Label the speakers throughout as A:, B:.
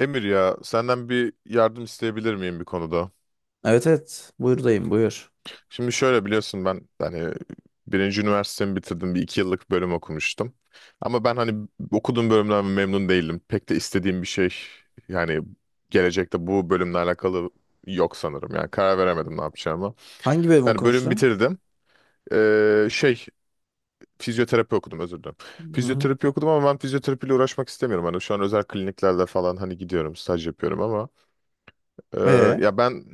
A: Emir ya senden bir yardım isteyebilir miyim bir konuda?
B: Evet. Buyur.
A: Şimdi şöyle biliyorsun, ben hani birinci üniversitemi bitirdim, bir iki yıllık bölüm okumuştum. Ama ben hani okuduğum bölümden memnun değildim. Pek de istediğim bir şey, yani gelecekte bu bölümle alakalı yok sanırım. Yani karar veremedim ne yapacağımı.
B: Hangi bölüm
A: Yani bölüm
B: okumuştun?
A: bitirdim. Ee, şey Fizyoterapi okudum, özür dilerim.
B: Hı-hı.
A: Fizyoterapi okudum ama ben fizyoterapiyle uğraşmak istemiyorum. Hani şu an özel kliniklerde falan hani gidiyorum, staj yapıyorum ama. Ee,
B: Ee?
A: Ya ben,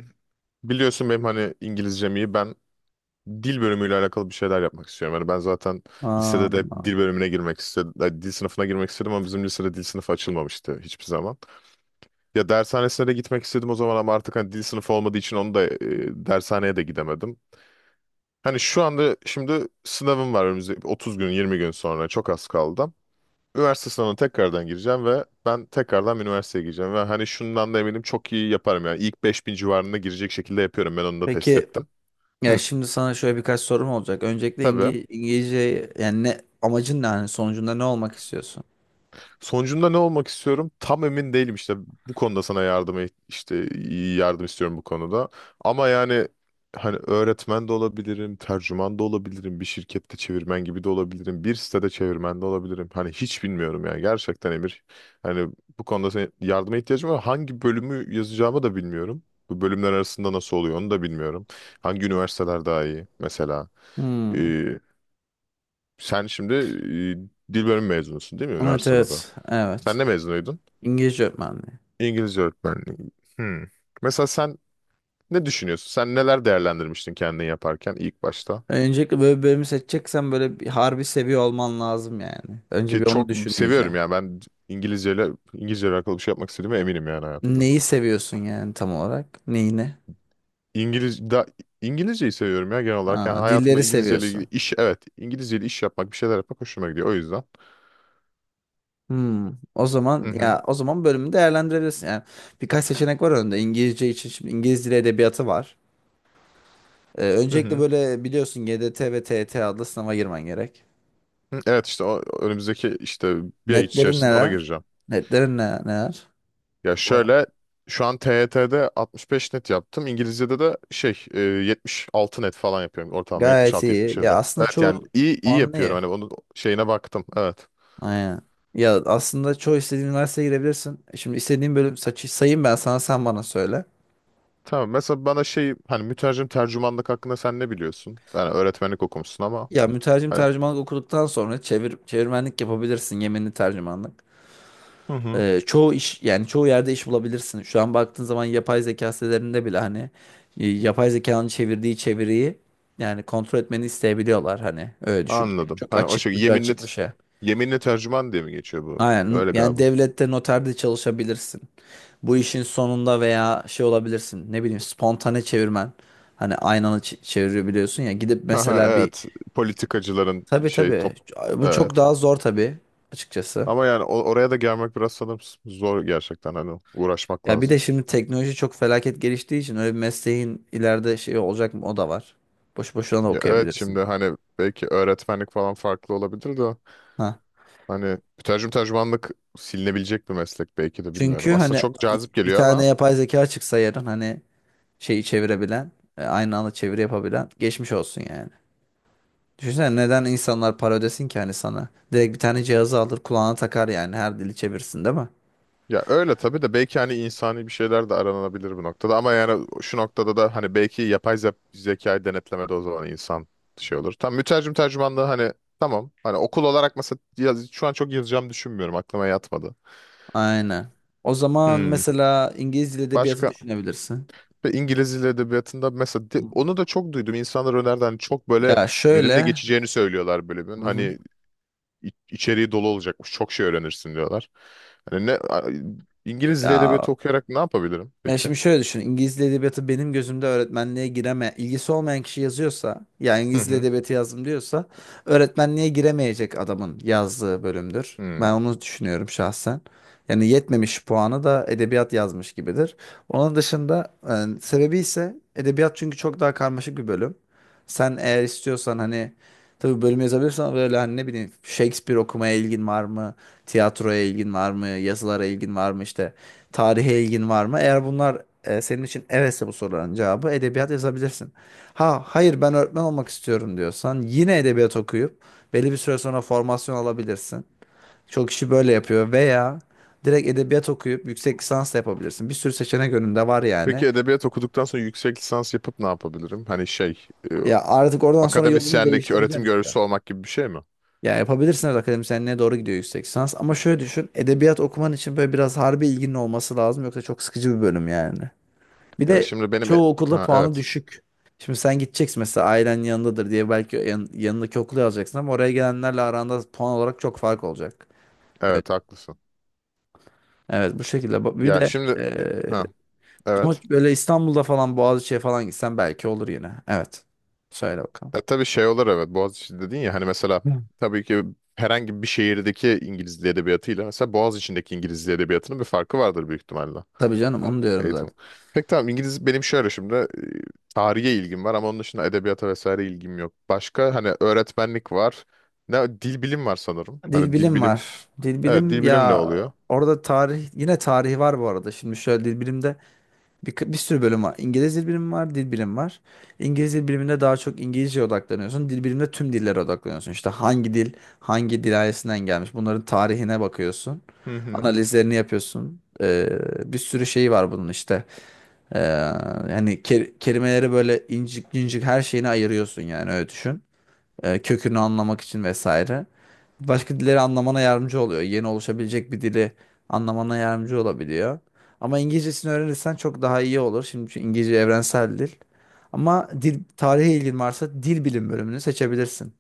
A: biliyorsun benim hani İngilizcem iyi. Ben dil bölümüyle alakalı bir şeyler yapmak istiyorum. Yani ben zaten
B: Aa,
A: lisede de hep dil bölümüne girmek istedim. Yani dil sınıfına girmek istedim ama bizim lisede dil sınıfı açılmamıştı hiçbir zaman. Ya dershanesine de gitmek istedim o zaman ama artık hani dil sınıfı olmadığı için onu da dershaneye de gidemedim. Hani şu anda şimdi sınavım var, önümüzde 30 gün, 20 gün sonra, çok az kaldı. Üniversite sınavına tekrardan gireceğim ve ben tekrardan bir üniversiteye gireceğim. Ve hani şundan da eminim, çok iyi yaparım yani. İlk 5000 civarında girecek şekilde yapıyorum. Ben onu da test
B: peki
A: ettim.
B: ya
A: Hı,
B: şimdi sana şöyle birkaç sorum olacak. Öncelikle
A: tabii.
B: İngilizce yani ne amacın ne hani sonucunda ne olmak istiyorsun?
A: Sonucunda ne olmak istiyorum? Tam emin değilim işte, bu konuda sana yardım işte iyi yardım istiyorum bu konuda. Ama yani hani öğretmen de olabilirim, tercüman da olabilirim, bir şirkette çevirmen gibi de olabilirim, bir sitede çevirmen de olabilirim. Hani hiç bilmiyorum yani, gerçekten Emir. Hani bu konuda senin yardıma ihtiyacım var. Hangi bölümü yazacağımı da bilmiyorum. Bu bölümler arasında nasıl oluyor, onu da bilmiyorum. Hangi üniversiteler daha iyi mesela?
B: Hmm.
A: Ee, Sen şimdi, dil bölümü mezunusun değil mi,
B: Evet
A: üniversitede de?
B: evet.
A: Sen
B: Evet.
A: ne mezunuydun?
B: İngilizce öğretmenliği.
A: İngilizce öğretmenliği. Hmm. Mesela sen ne düşünüyorsun? Sen neler değerlendirmiştin kendini yaparken ilk başta?
B: Öncelikle böyle bir bölümü seçeceksen böyle bir harbi seviyor olman lazım yani. Önce
A: Ki
B: bir onu
A: çok
B: düşün iyice.
A: seviyorum yani, ben İngilizce ile İngilizce ile alakalı bir şey yapmak istediğime eminim yani, hayatımda.
B: Neyi seviyorsun yani tam olarak? Neyini?
A: İngiliz da İngilizceyi seviyorum ya, genel olarak. Yani
B: Aa,
A: hayatımda
B: dilleri
A: İngilizce ile ilgili
B: seviyorsun.
A: iş, evet, İngilizce ile iş yapmak, bir şeyler yapmak hoşuma gidiyor, o yüzden.
B: Hmm, o
A: Hı
B: zaman
A: hı.
B: o zaman bölümü değerlendirebilirsin. Yani birkaç seçenek var önünde. İngilizce için şimdi İngiliz dili edebiyatı var.
A: Hı
B: Öncelikle
A: hı.
B: böyle biliyorsun GDT ve TET adlı sınava girmen gerek.
A: Hı, evet, işte o önümüzdeki işte bir ay
B: Netlerin
A: içerisinde ona
B: neler?
A: gireceğim.
B: Neler?
A: Ya
B: Var.
A: şöyle, şu an TYT'de 65 net yaptım. İngilizce'de de 76 net falan yapıyorum, ortalama
B: Gayet iyi. Ya
A: 76-77.
B: aslında
A: Evet yani
B: çoğu
A: iyi iyi
B: puanlı
A: yapıyorum,
B: iyi.
A: hani onun şeyine baktım. Evet.
B: Aynen. Ya aslında çoğu istediğin üniversiteye girebilirsin. Şimdi istediğin bölüm saçı sayayım ben sana sen bana söyle.
A: Tamam, mesela bana şey, hani mütercim tercümanlık hakkında sen ne biliyorsun? Yani öğretmenlik okumuşsun ama
B: Ya mütercim
A: hani.
B: tercümanlık okuduktan sonra çevirmenlik yapabilirsin, yeminli tercümanlık.
A: Hı hı.
B: Çoğu iş, yani çoğu yerde iş bulabilirsin. Şu an baktığın zaman yapay zeka sitelerinde bile hani yapay zekanın çevirdiği çeviriyi yani kontrol etmeni isteyebiliyorlar, hani öyle düşün. Yani
A: Anladım.
B: çok
A: Hani o
B: açık,
A: şey,
B: ucu
A: yeminli
B: açık bir şey.
A: yeminli tercüman diye mi geçiyor bu?
B: Aynen,
A: Öyle
B: yani
A: galiba.
B: devlette noterde çalışabilirsin. Bu işin sonunda veya şey olabilirsin, ne bileyim, spontane çevirmen. Hani çevirebiliyorsun ya, gidip
A: Haha,
B: mesela bir,
A: evet, politikacıların
B: tabii
A: şey
B: tabii,
A: top,
B: bu çok
A: evet.
B: daha zor tabii açıkçası.
A: Ama yani oraya da gelmek biraz sanırım zor, gerçekten hani uğraşmak
B: Ya bir
A: lazım.
B: de şimdi teknoloji çok felaket geliştiği için öyle bir mesleğin ileride şey olacak mı, o da var. Boş boşuna da
A: Ya evet,
B: okuyabilirsin.
A: şimdi hani belki öğretmenlik falan farklı olabilir de
B: Ha.
A: hani mütercim tercümanlık silinebilecek bir meslek belki, de
B: Çünkü
A: bilmiyorum. Aslında
B: hani
A: çok cazip
B: bir
A: geliyor
B: tane
A: ama
B: yapay zeka çıksa yarın, hani şeyi çevirebilen, aynı anda çeviri yapabilen, geçmiş olsun yani. Düşünsene neden insanlar para ödesin ki hani sana? Direkt bir tane cihazı alır kulağına takar, yani her dili çevirsin değil mi?
A: ya, öyle tabii de belki hani insani bir şeyler de aranabilir bu noktada ama yani şu noktada da hani belki yapay zekayı denetlemede, o zaman insan şey olur. Tam mütercim tercümanlığı hani, tamam hani okul olarak mesela şu an çok yazacağım düşünmüyorum, aklıma yatmadı.
B: Aynen. O zaman
A: Hmm.
B: mesela İngiliz dil edebiyatı
A: Başka.
B: düşünebilirsin.
A: Ve İngiliz Dil Edebiyatı'nda mesela, onu da çok duydum. İnsanlar önerdi hani, çok böyle
B: Ya
A: verimli
B: şöyle,
A: geçeceğini söylüyorlar bölümün.
B: hı hı,
A: Hani içeriği dolu olacakmış. Çok şey öğrenirsin diyorlar. Hani İngiliz Dil
B: ya
A: Edebiyatı okuyarak ne yapabilirim
B: Ben
A: peki?
B: şimdi şöyle düşün. İngiliz Dili Edebiyatı benim gözümde öğretmenliğe ilgisi olmayan kişi yazıyorsa, yani
A: Hı
B: İngiliz Dili
A: hı.
B: Edebiyatı yazdım diyorsa, öğretmenliğe giremeyecek adamın yazdığı bölümdür.
A: Hmm.
B: Ben onu düşünüyorum şahsen. Yani yetmemiş puanı da edebiyat yazmış gibidir. Onun dışında sebebi ise edebiyat çünkü çok daha karmaşık bir bölüm. Sen eğer istiyorsan hani tabii bölüm yazabilirsen, böyle hani ne bileyim, Shakespeare okumaya ilgin var mı? Tiyatroya ilgin var mı? Yazılara ilgin var mı işte? Tarihe ilgin var mı? Eğer bunlar senin için evetse, bu soruların cevabı edebiyat yazabilirsin. Ha hayır ben öğretmen olmak istiyorum diyorsan yine edebiyat okuyup belli bir süre sonra formasyon alabilirsin. Çok kişi böyle yapıyor veya direkt edebiyat okuyup yüksek lisans da yapabilirsin. Bir sürü seçenek önünde var yani.
A: Peki edebiyat okuduktan sonra yüksek lisans yapıp ne yapabilirim? Hani
B: Ya artık oradan sonra yolunu
A: akademisyenlik,
B: değiştireceksin
A: öğretim
B: işte.
A: görevlisi olmak gibi bir şey mi?
B: Ya yapabilirsin, evet akademisyenliğe doğru gidiyor yüksek lisans, ama şöyle düşün, edebiyat okuman için böyle biraz harbi ilginin olması lazım, yoksa çok sıkıcı bir bölüm yani. Bir
A: Ya
B: de
A: şimdi benim e-
B: çoğu okulda
A: ha,
B: puanı
A: evet.
B: düşük. Şimdi sen gideceksin mesela ailen yanındadır diye belki yanındaki okulu alacaksın ama oraya gelenlerle aranda puan olarak çok fark olacak. Evet,
A: Evet haklısın.
B: evet bu şekilde. Bak, bir
A: Ya
B: de
A: şimdi,
B: eee,
A: ha,
B: ama
A: evet.
B: böyle İstanbul'da falan Boğaziçi'ye falan gitsen belki olur yine. Evet. Söyle bakalım.
A: Ya tabii şey olur, evet, Boğaziçi dedin ya hani mesela,
B: Hı.
A: tabii ki herhangi bir şehirdeki İngiliz Dil Edebiyatı'yla mesela Boğaziçi'ndeki İngiliz Dil Edebiyatı'nın bir farkı vardır büyük ihtimalle.
B: Tabii canım, onu diyorum
A: Eğitim.
B: zaten.
A: Peki tamam, İngiliz, benim şöyle şimdi, tarihe ilgim var ama onun dışında edebiyata vesaire ilgim yok. Başka hani öğretmenlik var. Ne dil bilim var sanırım.
B: Dil
A: Hani dil
B: bilim
A: bilim,
B: var. Dil
A: evet,
B: bilim,
A: dil bilim ne
B: ya
A: oluyor?
B: orada tarih, yine tarihi var bu arada. Şimdi şöyle, dil bilimde bir sürü bölüm var. İngiliz dil bilimi var, dil bilimi var. İngiliz dil biliminde daha çok İngilizceye odaklanıyorsun. Dil biliminde tüm dillere odaklanıyorsun. İşte hangi dil ailesinden gelmiş. Bunların tarihine bakıyorsun.
A: Hı hı.
B: Analizlerini yapıyorsun. Bir sürü şeyi var bunun işte. Ee, Yani kelimeleri böyle incik incik her şeyini ayırıyorsun, yani öyle düşün, kökünü anlamak için vesaire. Başka dilleri anlamana yardımcı oluyor. Yeni oluşabilecek bir dili anlamana yardımcı olabiliyor. Ama İngilizcesini öğrenirsen çok daha iyi olur. Şimdi çünkü İngilizce evrensel dil. Ama dil tarihe ilgin varsa dil bilim bölümünü seçebilirsin.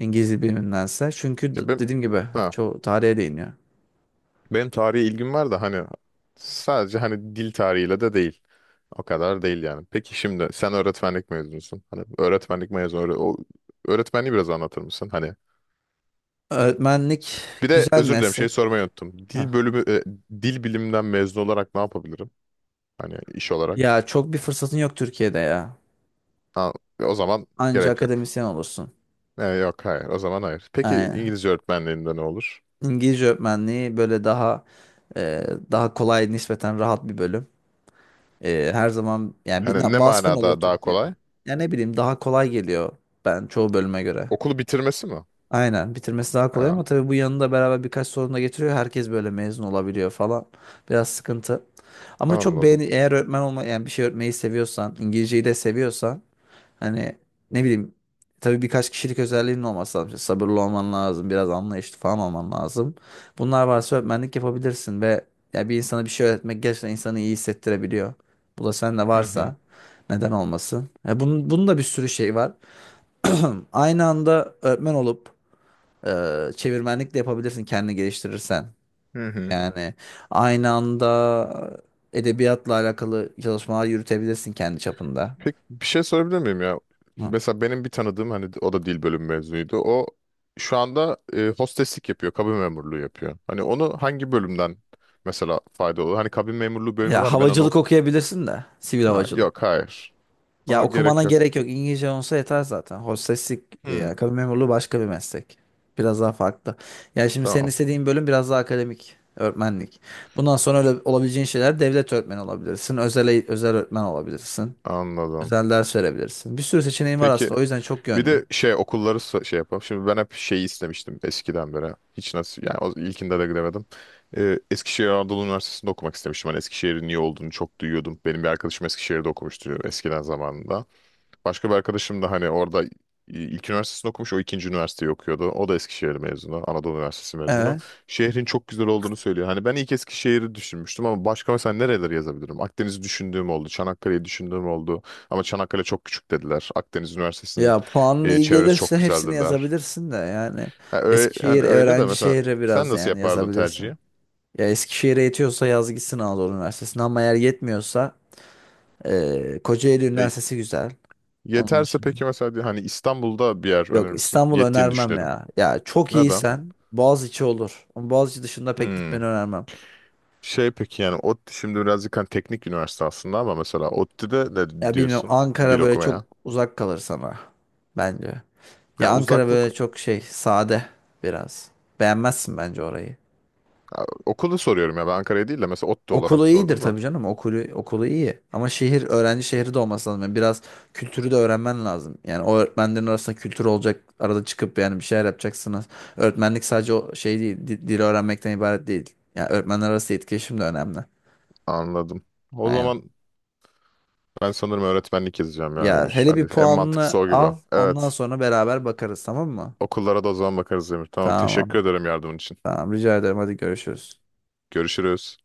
B: İngilizce bilimindense. Çünkü
A: Ya ben,
B: dediğim gibi
A: ha,
B: çoğu tarihe değiniyor.
A: benim tarihe ilgim var da hani, sadece hani dil tarihiyle de değil. O kadar değil yani. Peki şimdi sen öğretmenlik mezunusun. Hani öğretmenlik mezunu, o öğretmenliği biraz anlatır mısın? Hani
B: Öğretmenlik
A: bir de
B: güzel
A: özür dilerim, şey
B: meslek.
A: sormayı unuttum.
B: Hah.
A: Dil bilimden mezun olarak ne yapabilirim? Hani iş olarak.
B: Ya çok bir fırsatın yok Türkiye'de ya.
A: Ha, o zaman
B: Anca
A: gerek yok.
B: akademisyen olursun.
A: Yok, hayır. O zaman hayır. Peki
B: Aynen.
A: İngilizce öğretmenliğinde ne olur?
B: İngilizce öğretmenliği böyle daha, daha kolay, nispeten rahat bir bölüm. Her zaman yani bir
A: Hani ne
B: vasfın olur
A: manada daha
B: Türkiye'de.
A: kolay?
B: Ya ne bileyim, daha kolay geliyor ben çoğu bölüme göre.
A: Okulu bitirmesi mi?
B: Aynen, bitirmesi daha kolay
A: Ha,
B: ama tabii bu yanında beraber birkaç sorun da getiriyor. Herkes böyle mezun olabiliyor falan. Biraz sıkıntı. Ama çok
A: anladım.
B: beğeni, eğer öğretmen olma, yani bir şey öğretmeyi seviyorsan, İngilizceyi de seviyorsan, hani ne bileyim, tabii birkaç kişilik özelliğinin olması lazım. İşte sabırlı olman lazım, biraz anlayışlı falan olman lazım. Bunlar varsa öğretmenlik yapabilirsin ve ya bir insana bir şey öğretmek gerçekten insanı iyi hissettirebiliyor. Bu da sende
A: Hı hı.
B: varsa neden olmasın? Ya bunun da bir sürü şey var. Aynı anda öğretmen olup e, çevirmenlik de yapabilirsin kendini geliştirirsen.
A: Hı hı.
B: Yani aynı anda edebiyatla alakalı çalışmalar yürütebilirsin kendi çapında.
A: Peki bir şey sorabilir miyim ya? Mesela benim bir tanıdığım hani, o da dil bölümü mezunuydu. O şu anda, hosteslik yapıyor, kabin memurluğu yapıyor. Hani onu hangi bölümden mesela fayda olur? Hani kabin memurluğu bölümü
B: Ya
A: var da ben onu
B: havacılık
A: oku.
B: okuyabilirsin de. Sivil
A: Ha,
B: havacılık.
A: yok hayır.
B: Ya
A: Ona gerek
B: okumana
A: yok.
B: gerek yok. İngilizce olsa yeter zaten. Hosteslik
A: Hmm,
B: ya kabin memurluğu başka bir meslek. Biraz daha farklı. Ya şimdi senin
A: tamam,
B: istediğin bölüm biraz daha akademik. Öğretmenlik. Bundan sonra öyle olabileceğin şeyler, devlet öğretmeni olabilirsin. Özel öğretmen olabilirsin.
A: anladım.
B: Özel ders verebilirsin. Bir sürü seçeneğin var
A: Peki
B: aslında. O yüzden çok
A: bir
B: yönlü.
A: de şey, okulları yapalım. Şimdi ben hep şeyi istemiştim eskiden beri. Hiç nasıl yani, o ilkinde de gidemedim. Eskişehir Anadolu Üniversitesi'nde okumak istemiştim. Hani Eskişehir'in iyi olduğunu çok duyuyordum. Benim bir arkadaşım Eskişehir'de okumuştu eskiden zamanında. Başka bir arkadaşım da hani orada ilk üniversitesini okumuş, o ikinci üniversiteyi okuyordu. O da Eskişehir mezunu, Anadolu Üniversitesi mezunu.
B: Evet.
A: Şehrin çok güzel olduğunu söylüyor. Hani ben ilk Eskişehir'i düşünmüştüm ama başka mesela nereleri yazabilirim? Akdeniz'i düşündüğüm oldu, Çanakkale'yi düşündüğüm oldu. Ama Çanakkale çok küçük dediler. Akdeniz Üniversitesi'nin,
B: Ya puanın iyi
A: çevresi çok
B: gelirse
A: güzel
B: hepsini
A: dediler.
B: yazabilirsin de yani.
A: Ha,
B: Eskişehir
A: hani öyle de
B: öğrenci
A: mesela
B: şehri
A: sen
B: biraz,
A: nasıl
B: yani
A: yapardın
B: yazabilirsin.
A: tercihi?
B: Ya Eskişehir'e yetiyorsa yaz gitsin Anadolu Üniversitesi'ne, ama eğer yetmiyorsa Kocaeli
A: Ya,
B: Üniversitesi güzel. Onun
A: yeterse
B: dışında.
A: peki mesela hani İstanbul'da bir yer
B: Yok,
A: önerir misin?
B: İstanbul
A: Yettiğini
B: önermem
A: düşünelim.
B: ya. Ya çok
A: Neden?
B: iyiysen Boğaziçi olur. Ama Boğaziçi dışında pek gitmeni
A: Hmm.
B: önermem.
A: Şey, peki yani ODTÜ şimdi birazcık hani teknik üniversite aslında ama mesela ODTÜ'de de
B: Ya bilmiyorum,
A: diyorsun dil
B: Ankara böyle çok
A: okumaya.
B: uzak kalır sana bence.
A: Ya
B: Ya Ankara
A: uzaklık,
B: böyle çok şey, sade biraz. Beğenmezsin bence orayı.
A: ya okulu soruyorum ya, ben Ankara'ya değil de mesela ODTÜ
B: Okulu
A: olarak
B: iyidir
A: sordum da.
B: tabii canım. Okulu iyi. Ama şehir öğrenci şehri de olması lazım. Yani biraz kültürü de öğrenmen lazım. Yani o öğretmenlerin arasında kültür olacak. Arada çıkıp yani bir şeyler yapacaksınız. Öğretmenlik sadece o şey değil. Dili öğrenmekten ibaret değil. Yani öğretmenler arası etkileşim de önemli.
A: Anladım. O
B: Aynen.
A: zaman ben sanırım öğretmenlik yazacağım ya
B: Ya
A: Emir.
B: hele
A: Hadi
B: bir
A: en mantıklısı
B: puanını
A: o gibi.
B: al. Ondan
A: Evet.
B: sonra beraber bakarız tamam mı?
A: Okullara da o zaman bakarız Emir. Tamam,
B: Tamam.
A: teşekkür ederim yardımın için.
B: Tamam rica ederim. Hadi görüşürüz.
A: Görüşürüz.